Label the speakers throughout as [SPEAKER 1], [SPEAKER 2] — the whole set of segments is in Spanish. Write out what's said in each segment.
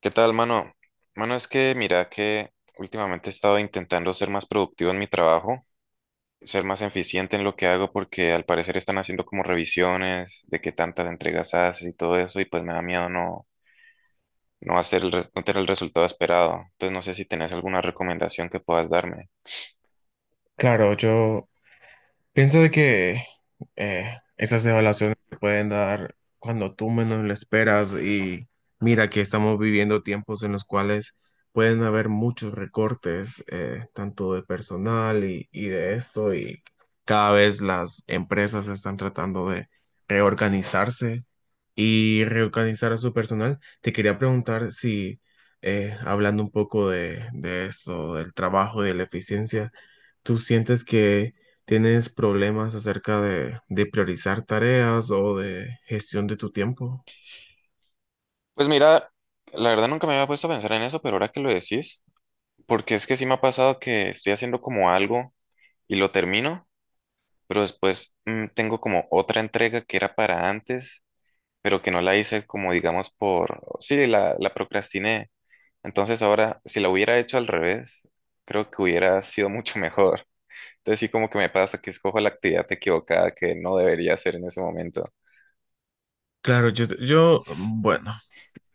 [SPEAKER 1] ¿Qué tal, mano? Mano, es que mira que últimamente he estado intentando ser más productivo en mi trabajo, ser más eficiente en lo que hago porque al parecer están haciendo como revisiones de qué tantas entregas haces y todo eso y pues me da miedo no hacer no tener el resultado esperado. Entonces no sé si tenés alguna recomendación que puedas darme.
[SPEAKER 2] Claro, pienso de que esas evaluaciones se pueden dar cuando tú menos lo esperas, y mira que estamos viviendo tiempos en los cuales pueden haber muchos recortes, tanto de personal y de esto, y cada vez las empresas están tratando de reorganizarse y reorganizar a su personal. Te quería preguntar si, hablando un poco de esto, del trabajo y de la eficiencia, ¿tú tienes problemas acerca de priorizar tareas o de gestión de tu tiempo?
[SPEAKER 1] Pues mira, la verdad nunca me había puesto a pensar en eso, pero ahora que lo decís, porque es que sí me ha pasado que estoy haciendo como algo y lo termino, pero después tengo como otra entrega que era para antes pero que no la hice como digamos la procrastiné. Entonces ahora, si la hubiera hecho al revés, creo que hubiera sido mucho mejor. Entonces sí como que me pasa que escojo la actividad equivocada que no debería hacer en ese momento.
[SPEAKER 2] Claro, bueno,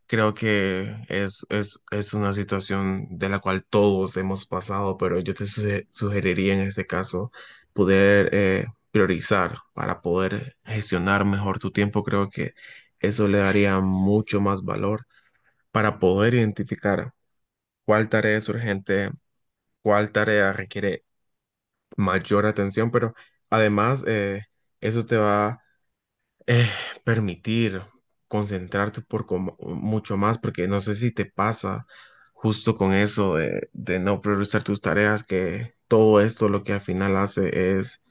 [SPEAKER 2] creo que es una situación de la cual todos hemos pasado, pero yo te sugeriría en este caso poder priorizar para poder gestionar mejor tu tiempo. Creo que eso le daría mucho más valor para poder identificar cuál tarea es urgente, cuál tarea requiere mayor atención, pero además eso te va eh, permitir concentrarte mucho más, porque no sé si te pasa justo con eso de no priorizar tus tareas, que todo esto lo que al final hace es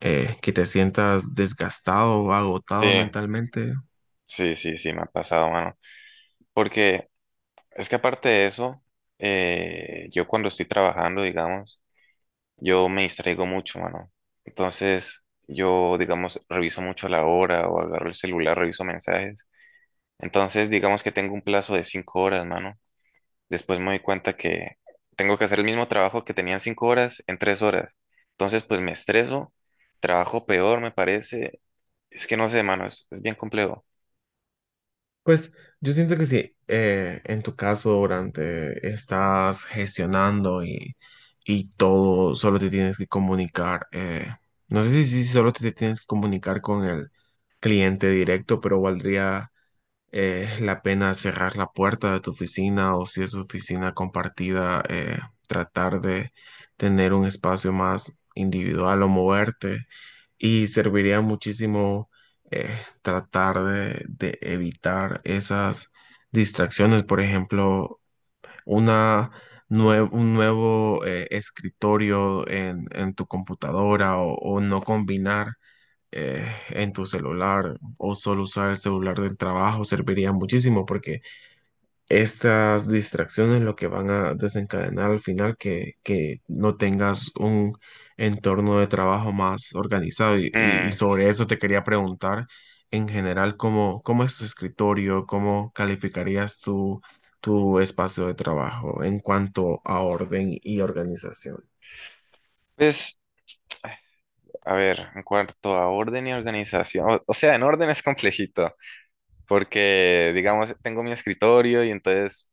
[SPEAKER 2] que te sientas desgastado,
[SPEAKER 1] Sí,
[SPEAKER 2] agotado mentalmente.
[SPEAKER 1] sí, sí, sí, me ha pasado, mano. Porque es que aparte de eso, yo cuando estoy trabajando, digamos, yo me distraigo mucho, mano. Entonces yo, digamos, reviso mucho la hora o agarro el celular, reviso mensajes. Entonces, digamos que tengo un plazo de 5 horas, mano. Después me doy cuenta que tengo que hacer el mismo trabajo que tenía en 5 horas en 3 horas. Entonces, pues me estreso, trabajo peor, me parece. Es que no sé, mano, es bien complejo.
[SPEAKER 2] Pues yo siento que si en tu caso durante estás gestionando y todo, solo te tienes que comunicar, no sé si solo te tienes que comunicar con el cliente directo, pero valdría la pena cerrar la puerta de tu oficina, o si es oficina compartida, tratar de tener un espacio más individual o moverte. Y serviría muchísimo eh, tratar de evitar esas distracciones. Por ejemplo, una un nuevo escritorio en tu computadora, o no combinar eh, en tu celular, o solo usar el celular del trabajo serviría muchísimo, porque estas distracciones lo que van a desencadenar al final que no tengas un entorno de trabajo más organizado. Y
[SPEAKER 1] Mm,
[SPEAKER 2] sobre eso te quería preguntar en general cómo, cómo es tu escritorio, cómo calificarías tu, tu espacio de trabajo en cuanto a orden y organización.
[SPEAKER 1] pues, a ver, en cuanto a orden y organización, o sea, en orden es complejito, porque, digamos, tengo mi escritorio y entonces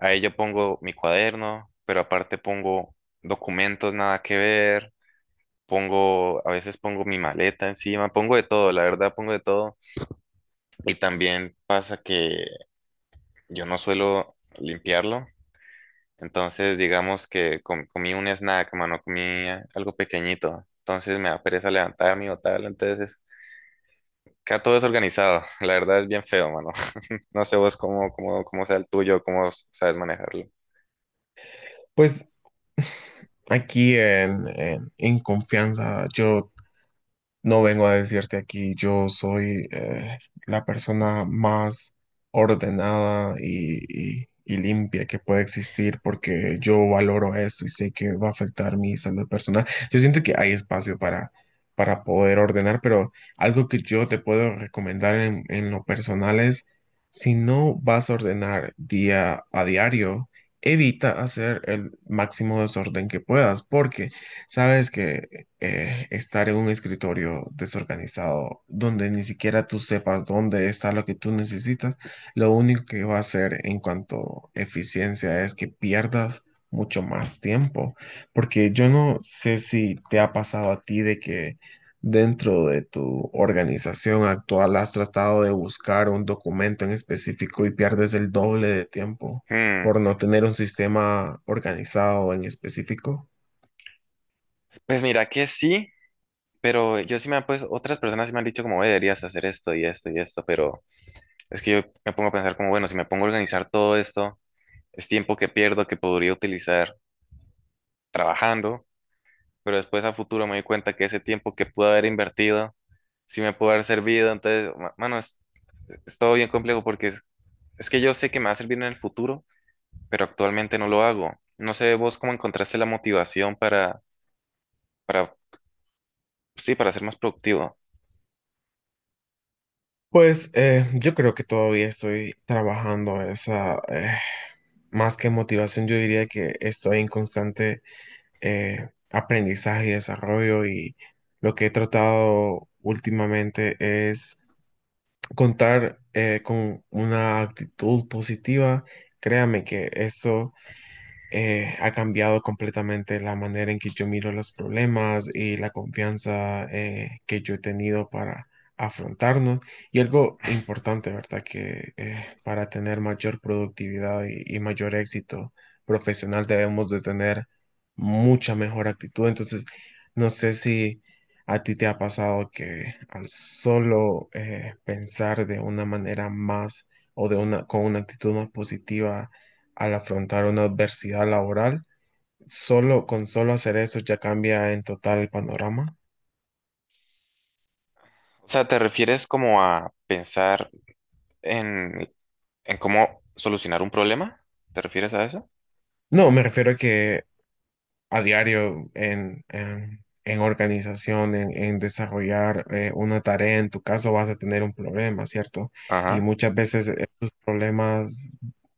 [SPEAKER 1] ahí yo pongo mi cuaderno, pero aparte pongo documentos nada que ver pongo, a veces pongo mi maleta encima, pongo de todo, la verdad pongo de todo. Y también pasa que yo no suelo limpiarlo. Entonces, digamos que comí un snack, mano, comí algo pequeñito. Entonces me da pereza levantarme o tal. Entonces, queda todo desorganizado. La verdad es bien feo, mano. No sé vos cómo sea el tuyo, cómo sabes manejarlo.
[SPEAKER 2] Pues aquí en confianza, yo no vengo a decirte aquí, yo soy la persona más ordenada y limpia que puede existir, porque yo valoro eso y sé que va a afectar mi salud personal. Yo siento que hay espacio para poder ordenar, pero algo que yo te puedo recomendar en lo personal es, si no vas a ordenar día a diario, evita hacer el máximo desorden que puedas, porque sabes que estar en un escritorio desorganizado donde ni siquiera tú sepas dónde está lo que tú necesitas, lo único que va a hacer en cuanto a eficiencia es que pierdas mucho más tiempo, porque yo no sé si te ha pasado a ti de que dentro de tu organización actual has tratado de buscar un documento en específico y pierdes el doble de tiempo
[SPEAKER 1] Hmm,
[SPEAKER 2] por no tener un sistema organizado en específico.
[SPEAKER 1] pues mira que sí, pero yo sí me han pues otras personas sí me han dicho como "Oye, deberías hacer esto y esto y esto, pero es que yo me pongo a pensar como, bueno, si me pongo a organizar todo esto, es tiempo que pierdo que podría utilizar trabajando, pero después a futuro me doy cuenta que ese tiempo que pude haber invertido, sí me pudo haber servido. Entonces, mano, es todo bien complejo porque es que yo sé que me va a servir en el futuro, pero actualmente no lo hago. No sé vos cómo encontraste la motivación para, sí, para ser más productivo.
[SPEAKER 2] Pues yo creo que todavía estoy trabajando esa, más que motivación, yo diría que estoy en constante aprendizaje y desarrollo, y lo que he tratado últimamente es contar con una actitud positiva. Créame que esto ha cambiado completamente la manera en que yo miro los problemas y la confianza que yo he tenido para afrontarnos. Y algo importante, ¿verdad? Que para tener mayor productividad y mayor éxito profesional debemos de tener mucha mejor actitud. Entonces, no sé si a ti te ha pasado que al solo pensar de una manera más, o de una, con una actitud más positiva, al afrontar una adversidad laboral, solo con solo hacer eso ya cambia en total el panorama.
[SPEAKER 1] O sea, ¿te refieres como a pensar en, en cómo solucionar un problema? ¿Te refieres a eso?
[SPEAKER 2] No, me refiero a que a diario en organización, en desarrollar una tarea, en tu caso vas a tener un problema, ¿cierto? Y
[SPEAKER 1] Ajá.
[SPEAKER 2] muchas veces estos problemas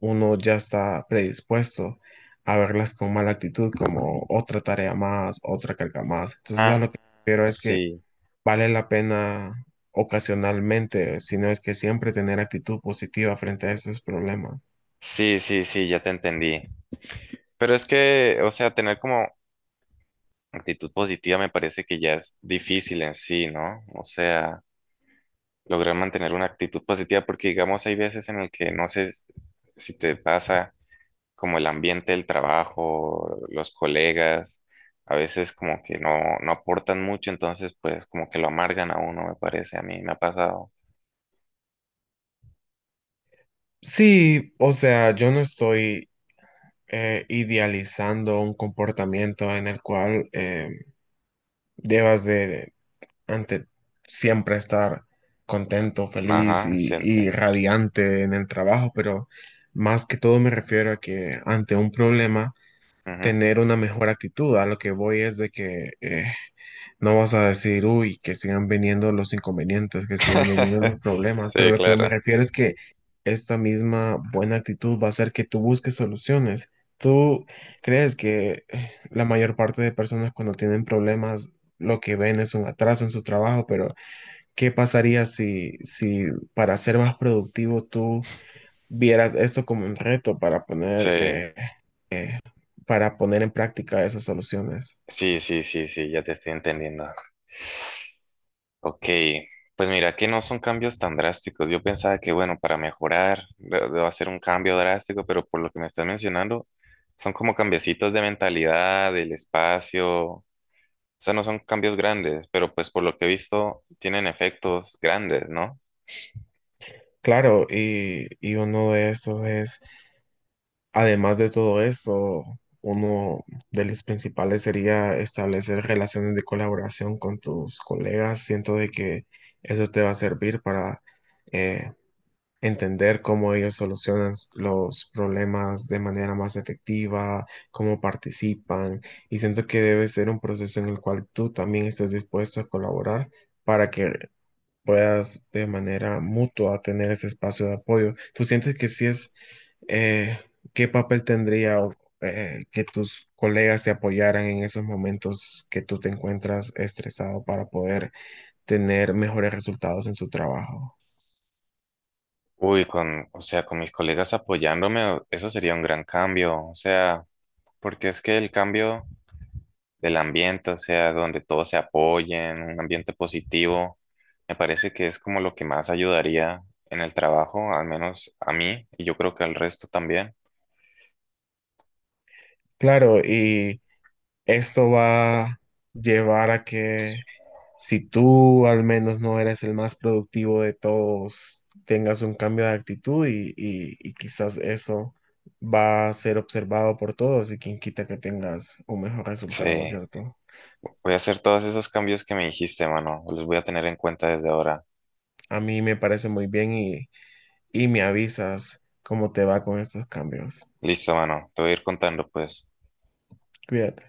[SPEAKER 2] uno ya está predispuesto a verlas con mala actitud, como otra tarea más, otra carga más. Entonces, a
[SPEAKER 1] Ah,
[SPEAKER 2] lo que me refiero es que
[SPEAKER 1] sí,
[SPEAKER 2] vale la pena ocasionalmente, si no es que siempre, tener actitud positiva frente a esos problemas.
[SPEAKER 1] sí, sí, sí, ya te entendí. Pero es que, o sea, tener como actitud positiva me parece que ya es difícil en sí, ¿no? O sea, lograr mantener una actitud positiva porque, digamos, hay veces en el que si te pasa como el ambiente del trabajo, los colegas, a veces como que no aportan mucho, entonces pues como que lo amargan a uno, me parece, a mí me ha pasado.
[SPEAKER 2] Sí, o sea, yo no estoy idealizando un comportamiento en el cual debas de, ante siempre estar contento, feliz
[SPEAKER 1] Ajá,
[SPEAKER 2] y
[SPEAKER 1] siente.
[SPEAKER 2] radiante en el trabajo, pero más que todo me refiero a que ante un problema,
[SPEAKER 1] Ujú.
[SPEAKER 2] tener una mejor actitud. A lo que voy es de que no vas a decir, uy, que sigan viniendo los inconvenientes, que sigan viniendo los problemas, pero
[SPEAKER 1] Sí,
[SPEAKER 2] lo que me
[SPEAKER 1] claro.
[SPEAKER 2] refiero es que esta misma buena actitud va a hacer que tú busques soluciones. ¿Tú crees que la mayor parte de personas cuando tienen problemas lo que ven es un atraso en su trabajo? Pero ¿qué pasaría si para ser más productivo tú vieras esto como un reto
[SPEAKER 1] Sí.
[SPEAKER 2] eh, para poner en práctica esas soluciones?
[SPEAKER 1] Sí, sí, sí, sí, ya te estoy entendiendo. Ok, pues mira que no son cambios tan drásticos. Yo pensaba que, bueno, para mejorar debo hacer un cambio drástico, pero por lo que me estás mencionando, son como cambiecitos de mentalidad, del espacio. O sea, no son cambios grandes, pero pues por lo que he visto, tienen efectos grandes, ¿no?
[SPEAKER 2] Claro, y uno de estos es, además de todo esto, uno de los principales sería establecer relaciones de colaboración con tus colegas. Siento de que eso te va a servir para eh, entender cómo ellos solucionan los problemas de manera más efectiva, cómo participan. Y siento que debe ser un proceso en el cual tú también estés dispuesto a colaborar para que puedas de manera mutua tener ese espacio de apoyo. ¿Tú sientes que sí es eh, qué papel tendría que tus colegas te apoyaran en esos momentos que tú te encuentras estresado para poder tener mejores resultados en tu trabajo?
[SPEAKER 1] Uy, con, o sea, con mis colegas apoyándome, o- eso sería un gran cambio. O sea, porque es que el cambio del ambiente, o sea, donde todos se apoyen, un ambiente positivo. Me parece que es como lo que más ayudaría en el trabajo, al menos a mí, y yo creo que al resto también.
[SPEAKER 2] Claro, y esto va a llevar a que si tú al menos no eres el más productivo de todos, tengas un cambio de actitud y y quizás eso va a ser observado por todos, y quien quita que tengas un mejor resultado,
[SPEAKER 1] Sí,
[SPEAKER 2] ¿cierto?
[SPEAKER 1] voy a hacer todos esos cambios que me dijiste, mano. Los voy a tener en cuenta desde ahora.
[SPEAKER 2] A mí me parece muy bien, y me avisas cómo te va con estos cambios.
[SPEAKER 1] Listo, mano. Te voy a ir contando, pues.
[SPEAKER 2] Cuídate.